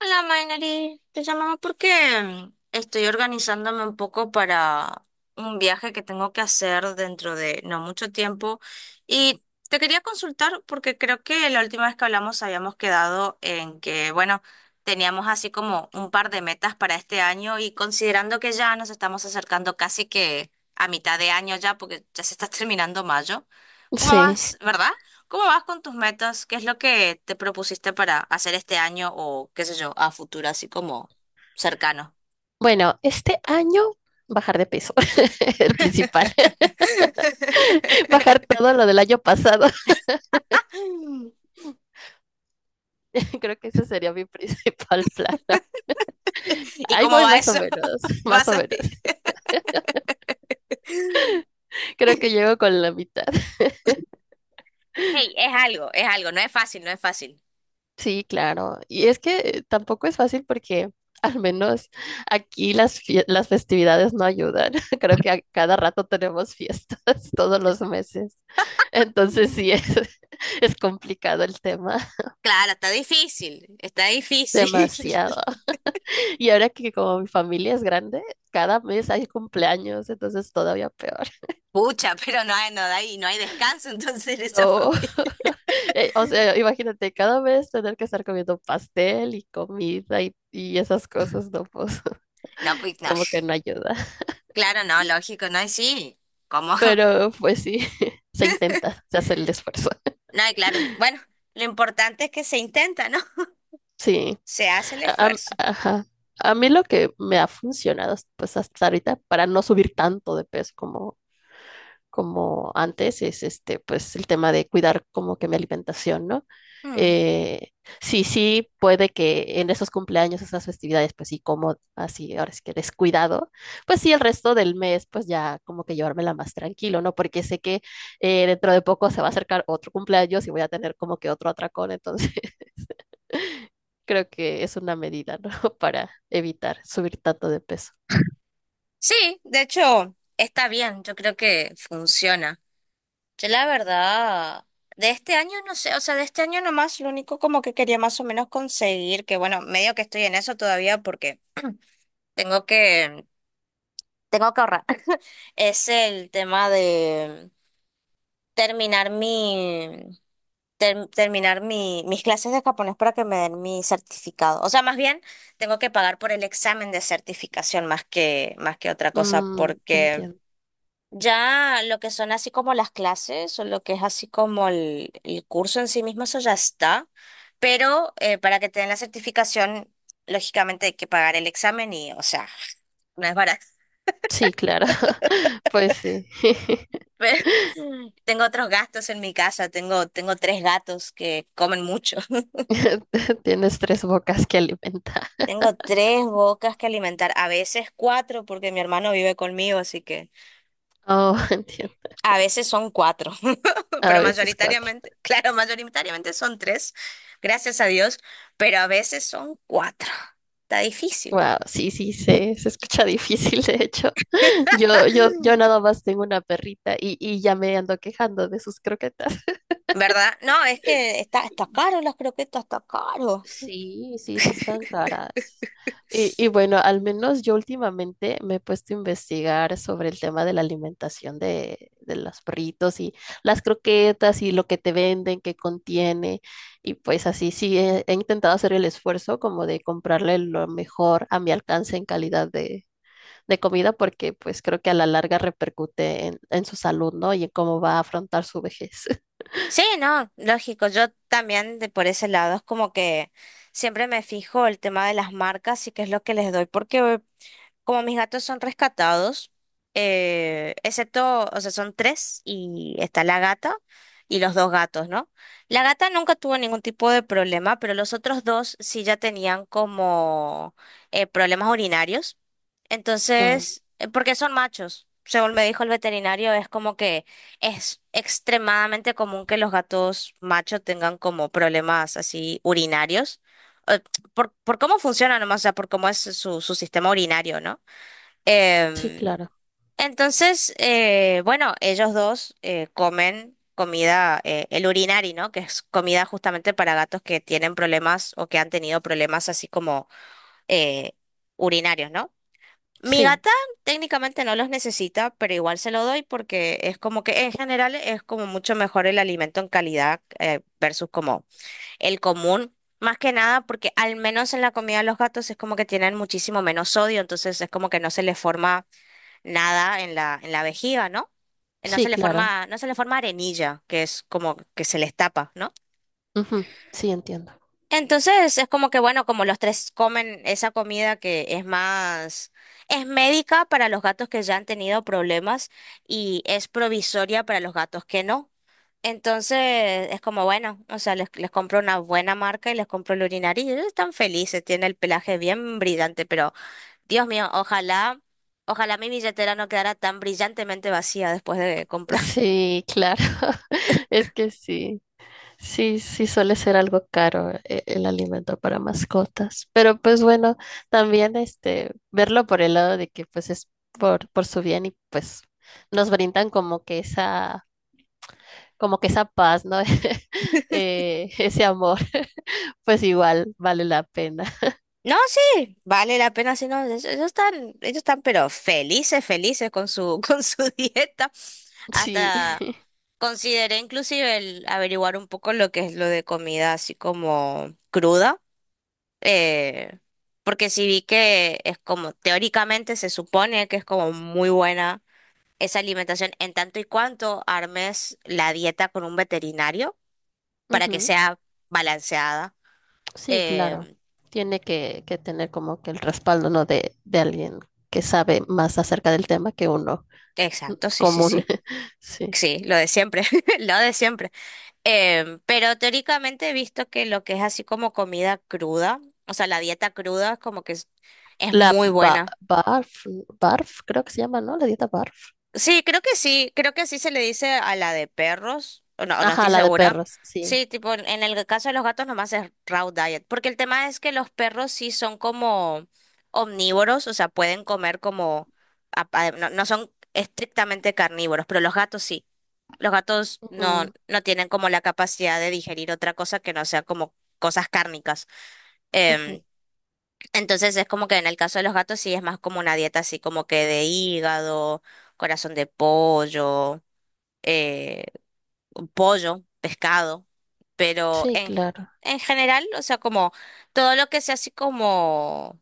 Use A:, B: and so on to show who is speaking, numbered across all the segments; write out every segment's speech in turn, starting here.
A: Hola, Mainari. Te llamaba porque estoy organizándome un poco para un viaje que tengo que hacer dentro de no mucho tiempo. Y te quería consultar porque creo que la última vez que hablamos habíamos quedado en que, bueno, teníamos así como un par de metas para este año y considerando que ya nos estamos acercando casi que a mitad de año ya, porque ya se está terminando mayo. ¿Cómo
B: Sí.
A: vas, verdad? ¿Cómo vas con tus metas? ¿Qué es lo que te propusiste para hacer este año o qué sé yo, a futuro, así como cercano?
B: Bueno, este año bajar de peso, el principal. Bajar todo lo del año pasado. Creo que ese sería mi principal plan.
A: ¿Y
B: Ahí
A: cómo
B: voy
A: va
B: más o
A: eso?
B: menos, más
A: ¿Vas
B: o
A: a
B: menos.
A: ti?
B: Creo que llego con la mitad.
A: Hey, es algo, no es fácil, no es fácil.
B: Sí, claro. Y es que tampoco es fácil porque al menos aquí las festividades no ayudan. Creo que a cada rato tenemos fiestas todos los meses. Entonces
A: Mm.
B: sí, es complicado el tema.
A: Claro, está difícil, está difícil.
B: Demasiado. Y ahora que como mi familia es grande, cada mes hay cumpleaños, entonces todavía peor.
A: Pucha, pero no hay, no hay, no hay descanso entonces en esa
B: No,
A: familia.
B: o sea, imagínate cada mes tener que estar comiendo pastel y comida y esas cosas, no, pues
A: No, pues no.
B: como que no ayuda.
A: Claro, no, lógico, no hay sí. ¿Cómo?
B: Pero pues sí, se intenta, se hace el esfuerzo.
A: No, y claro. Bueno, lo importante es que se intenta, ¿no?
B: Sí,
A: Se hace el esfuerzo.
B: ajá. A mí lo que me ha funcionado, pues hasta ahorita, para no subir tanto de peso como antes, es este, pues el tema de cuidar como que mi alimentación, ¿no?
A: Mm.
B: Eh, sí, sí, puede que en esos cumpleaños, esas festividades, pues sí, como así, ahora sí que descuidado, pues sí, el resto del mes, pues ya como que llevármela más tranquilo, ¿no? Porque sé que dentro de poco se va a acercar otro cumpleaños y voy a tener como que otro atracón, entonces creo que es una medida, ¿no? Para evitar subir tanto de peso.
A: Sí, de hecho, está bien, yo creo que funciona. Yo la verdad, de este año no sé, o sea, de este año nomás lo único como que quería más o menos conseguir, que bueno, medio que estoy en eso todavía porque tengo que, tengo que ahorrar, es el tema de terminar mi, terminar mi, mis clases de japonés para que me den mi certificado. O sea, más bien tengo que pagar por el examen de certificación más que otra cosa
B: Mm,
A: porque...
B: entiendo.
A: Ya lo que son así como las clases o lo que es así como el curso en sí mismo, eso ya está. Pero para que te den la certificación, lógicamente hay que pagar el examen y, o sea, no es barato.
B: Sí, claro, pues sí.
A: Pero tengo otros gastos en mi casa, tengo, tengo tres gatos que comen mucho.
B: Tienes tres bocas que alimentar.
A: Tengo tres bocas que alimentar, a veces cuatro, porque mi hermano vive conmigo, así que
B: Oh, entiendo.
A: a veces son cuatro.
B: A
A: Pero
B: veces cuatro.
A: mayoritariamente, claro, mayoritariamente son tres, gracias a Dios, pero a veces son cuatro. Está difícil,
B: Wow, sí, sí, se escucha difícil, de hecho. Yo nada más tengo una perrita y ya me ando quejando de sus croquetas.
A: ¿verdad? No, es que está, está caro las croquetas, está caro.
B: Sí, sí, sí están caras. Y bueno, al menos yo últimamente me he puesto a investigar sobre el tema de la alimentación de los perritos y las croquetas y lo que te venden, qué contiene. Y pues así sí he intentado hacer el esfuerzo como de comprarle lo mejor a mi alcance en calidad de comida porque pues creo que a la larga repercute en su salud, ¿no? Y en cómo va a afrontar su vejez.
A: Sí, no, lógico, yo también de por ese lado es como que siempre me fijo el tema de las marcas y qué es lo que les doy, porque como mis gatos son rescatados, excepto, o sea, son tres y está la gata y los dos gatos, ¿no? La gata nunca tuvo ningún tipo de problema, pero los otros dos sí ya tenían como problemas urinarios.
B: No,
A: Entonces, porque son machos, según me dijo el veterinario, es como que es extremadamente común que los gatos machos tengan como problemas así urinarios. eh, por cómo funciona nomás, o sea, por cómo es su, su sistema urinario, ¿no?
B: sí,
A: Em,
B: claro.
A: entonces, bueno, ellos dos comen comida, el urinari, ¿no? Que es comida justamente para gatos que tienen problemas o que han tenido problemas así como eh, urinarios, ¿no? Mi
B: Sí,
A: gata técnicamente no los necesita, pero igual se lo doy porque es como que en general es como mucho mejor el alimento en calidad versus como el común. Más que nada porque al menos en la comida de los gatos es como que tienen muchísimo menos sodio, entonces es como que no se les forma nada en la, en la vejiga, ¿no? No se
B: sí,
A: le
B: claro.
A: forma, no se le forma arenilla, que es como que se les tapa, ¿no?
B: Ujú, sí, entiendo.
A: Entonces es como que, bueno, como los tres comen esa comida que es más, es médica para los gatos que ya han tenido problemas y es provisoria para los gatos que no. Entonces es como, bueno, o sea, les compro una buena marca y les compro el urinario y ellos están felices, tiene el pelaje bien brillante, pero... Dios mío, ojalá, ojalá mi billetera no quedara tan brillantemente vacía después de comprar.
B: Sí, claro. Es que sí, sí, sí suele ser algo caro el alimento para mascotas. Pero pues bueno, también este verlo por el lado de que pues es por su bien y pues nos brindan como que esa paz, ¿no? Ese amor, pues igual vale la pena.
A: No, sí, vale la pena, si no, ellos están, ellos están pero felices, felices con su, con su dieta.
B: Sí.
A: Hasta consideré inclusive el averiguar un poco lo que es lo de comida así como cruda, eh, porque sí vi que es como, teóricamente se supone que es como muy buena esa alimentación en tanto y cuanto armes la dieta con un veterinario para que
B: Ujú.
A: sea balanceada.
B: Sí, claro.
A: Em,
B: Tiene que tener como que el respaldo, ¿no? De alguien que sabe más acerca del tema que uno.
A: exacto, sí, sí,
B: Común.
A: sí.
B: Sí.
A: Sí, lo de siempre, lo de siempre. Pero teóricamente he visto que lo que es así como comida cruda, o sea, la dieta cruda es como que es muy buena.
B: Barf, barf, creo que se llama, ¿no? La dieta barf.
A: Sí, creo que así se le dice a la de perros, o no
B: Ajá,
A: estoy
B: la de
A: segura.
B: perros, sí.
A: Sí, tipo, en el caso de los gatos nomás es raw diet, porque el tema es que los perros sí son como omnívoros, o sea, pueden comer como, no, no son estrictamente carnívoros, pero los gatos sí. Los gatos no,
B: Ujú,
A: no tienen como la capacidad de digerir otra cosa que no sea como cosas cárnicas.
B: ujú.
A: Em, entonces es como que en el caso de los gatos sí es más como una dieta así como que de hígado, corazón de pollo, eh, pollo, pescado, pero
B: Sí, claro.
A: en general, o sea, como todo lo que sea así como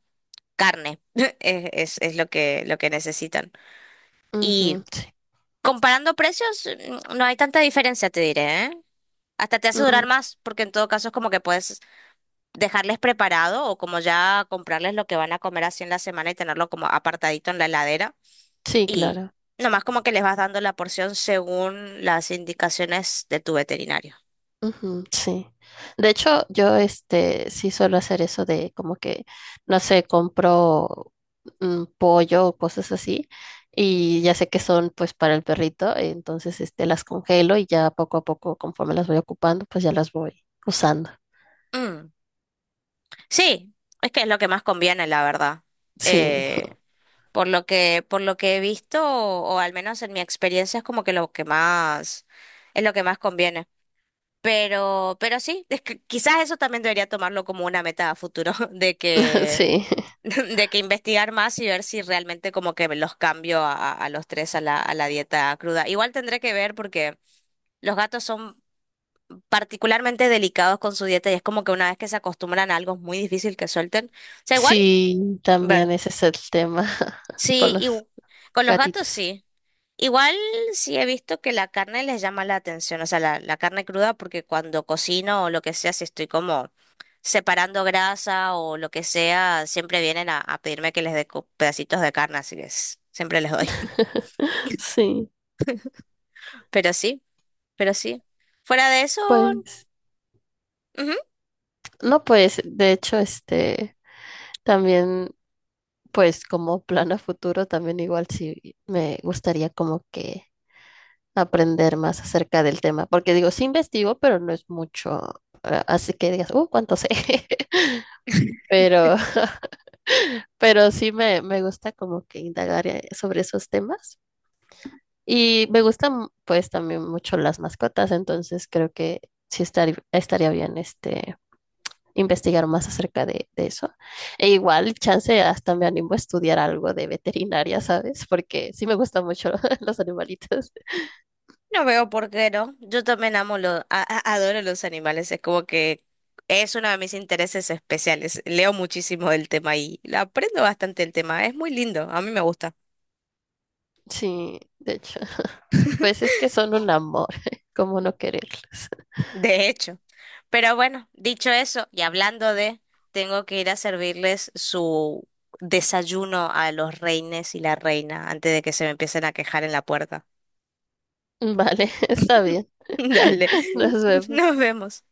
A: carne es lo que necesitan. Y
B: Ujú, sí.
A: comparando precios, no hay tanta diferencia, te diré, ¿eh? Hasta te hace durar
B: Mm,
A: más, porque en todo caso es como que puedes dejarles preparado o como ya comprarles lo que van a comer así en la semana y tenerlo como apartadito en la heladera.
B: sí,
A: Y
B: claro.
A: nomás como que les vas dando la porción según las indicaciones de tu veterinario.
B: Ujú, sí. De hecho, yo este sí suelo hacer eso de como que, no sé, compro mm, pollo o cosas así. Y ya sé que son pues para el perrito, entonces este las congelo y ya poco a poco, conforme las voy ocupando, pues ya las voy usando.
A: Mm, Sí, es que es lo que más conviene, la verdad.
B: Sí.
A: Eh, por lo que he visto, o al menos en mi experiencia, es como que lo que más, es lo que más conviene. Pero sí, es que quizás eso también debería tomarlo como una meta a futuro, de que,
B: Sí,
A: de que investigar más y ver si realmente como que los cambio a, a los tres a la dieta cruda. Igual tendré que ver porque los gatos son particularmente delicados con su dieta y es como que una vez que se acostumbran a algo es muy difícil que suelten. O sea, igual,
B: sí, también
A: ver.
B: ese es el tema con
A: Sí,
B: los
A: y con los gatos
B: gatitos.
A: sí. Igual sí he visto que la carne les llama la atención, o sea, la carne cruda, porque cuando cocino o lo que sea, si estoy como separando grasa o lo que sea, siempre vienen a pedirme que les dé pedacitos de carne, así que siempre les doy.
B: Sí,
A: Pero sí, pero sí. Fuera de eso,
B: pues,
A: ujú,
B: no, pues, de hecho, este, también, pues, como plan a futuro, también igual sí me gustaría como que aprender más acerca del tema, porque digo, sí investigo, pero no es mucho, así que digas, cuánto sé, pero, pero sí me gusta como que indagar sobre esos temas. Y me gustan pues también mucho las mascotas, entonces creo que sí estaría bien este investigar más acerca de eso. E igual, chance, hasta me animo a estudiar algo de veterinaria, ¿sabes? Porque sí me gustan mucho los animalitos.
A: no veo por qué no. Yo también amo los, adoro los animales, es como que es uno de mis intereses especiales. Leo muchísimo del tema y aprendo bastante el tema, es muy lindo, a mí me gusta.
B: Sí, de hecho, pues es que son un amor, ¿cómo no quererlos?
A: De hecho. Pero bueno, dicho eso, y hablando de, tengo que ir a servirles su desayuno a los reines y la reina antes de que se me empiecen a quejar en la puerta.
B: Vale, está bien.
A: Dale,
B: Nos
A: nos
B: vemos.
A: vemos.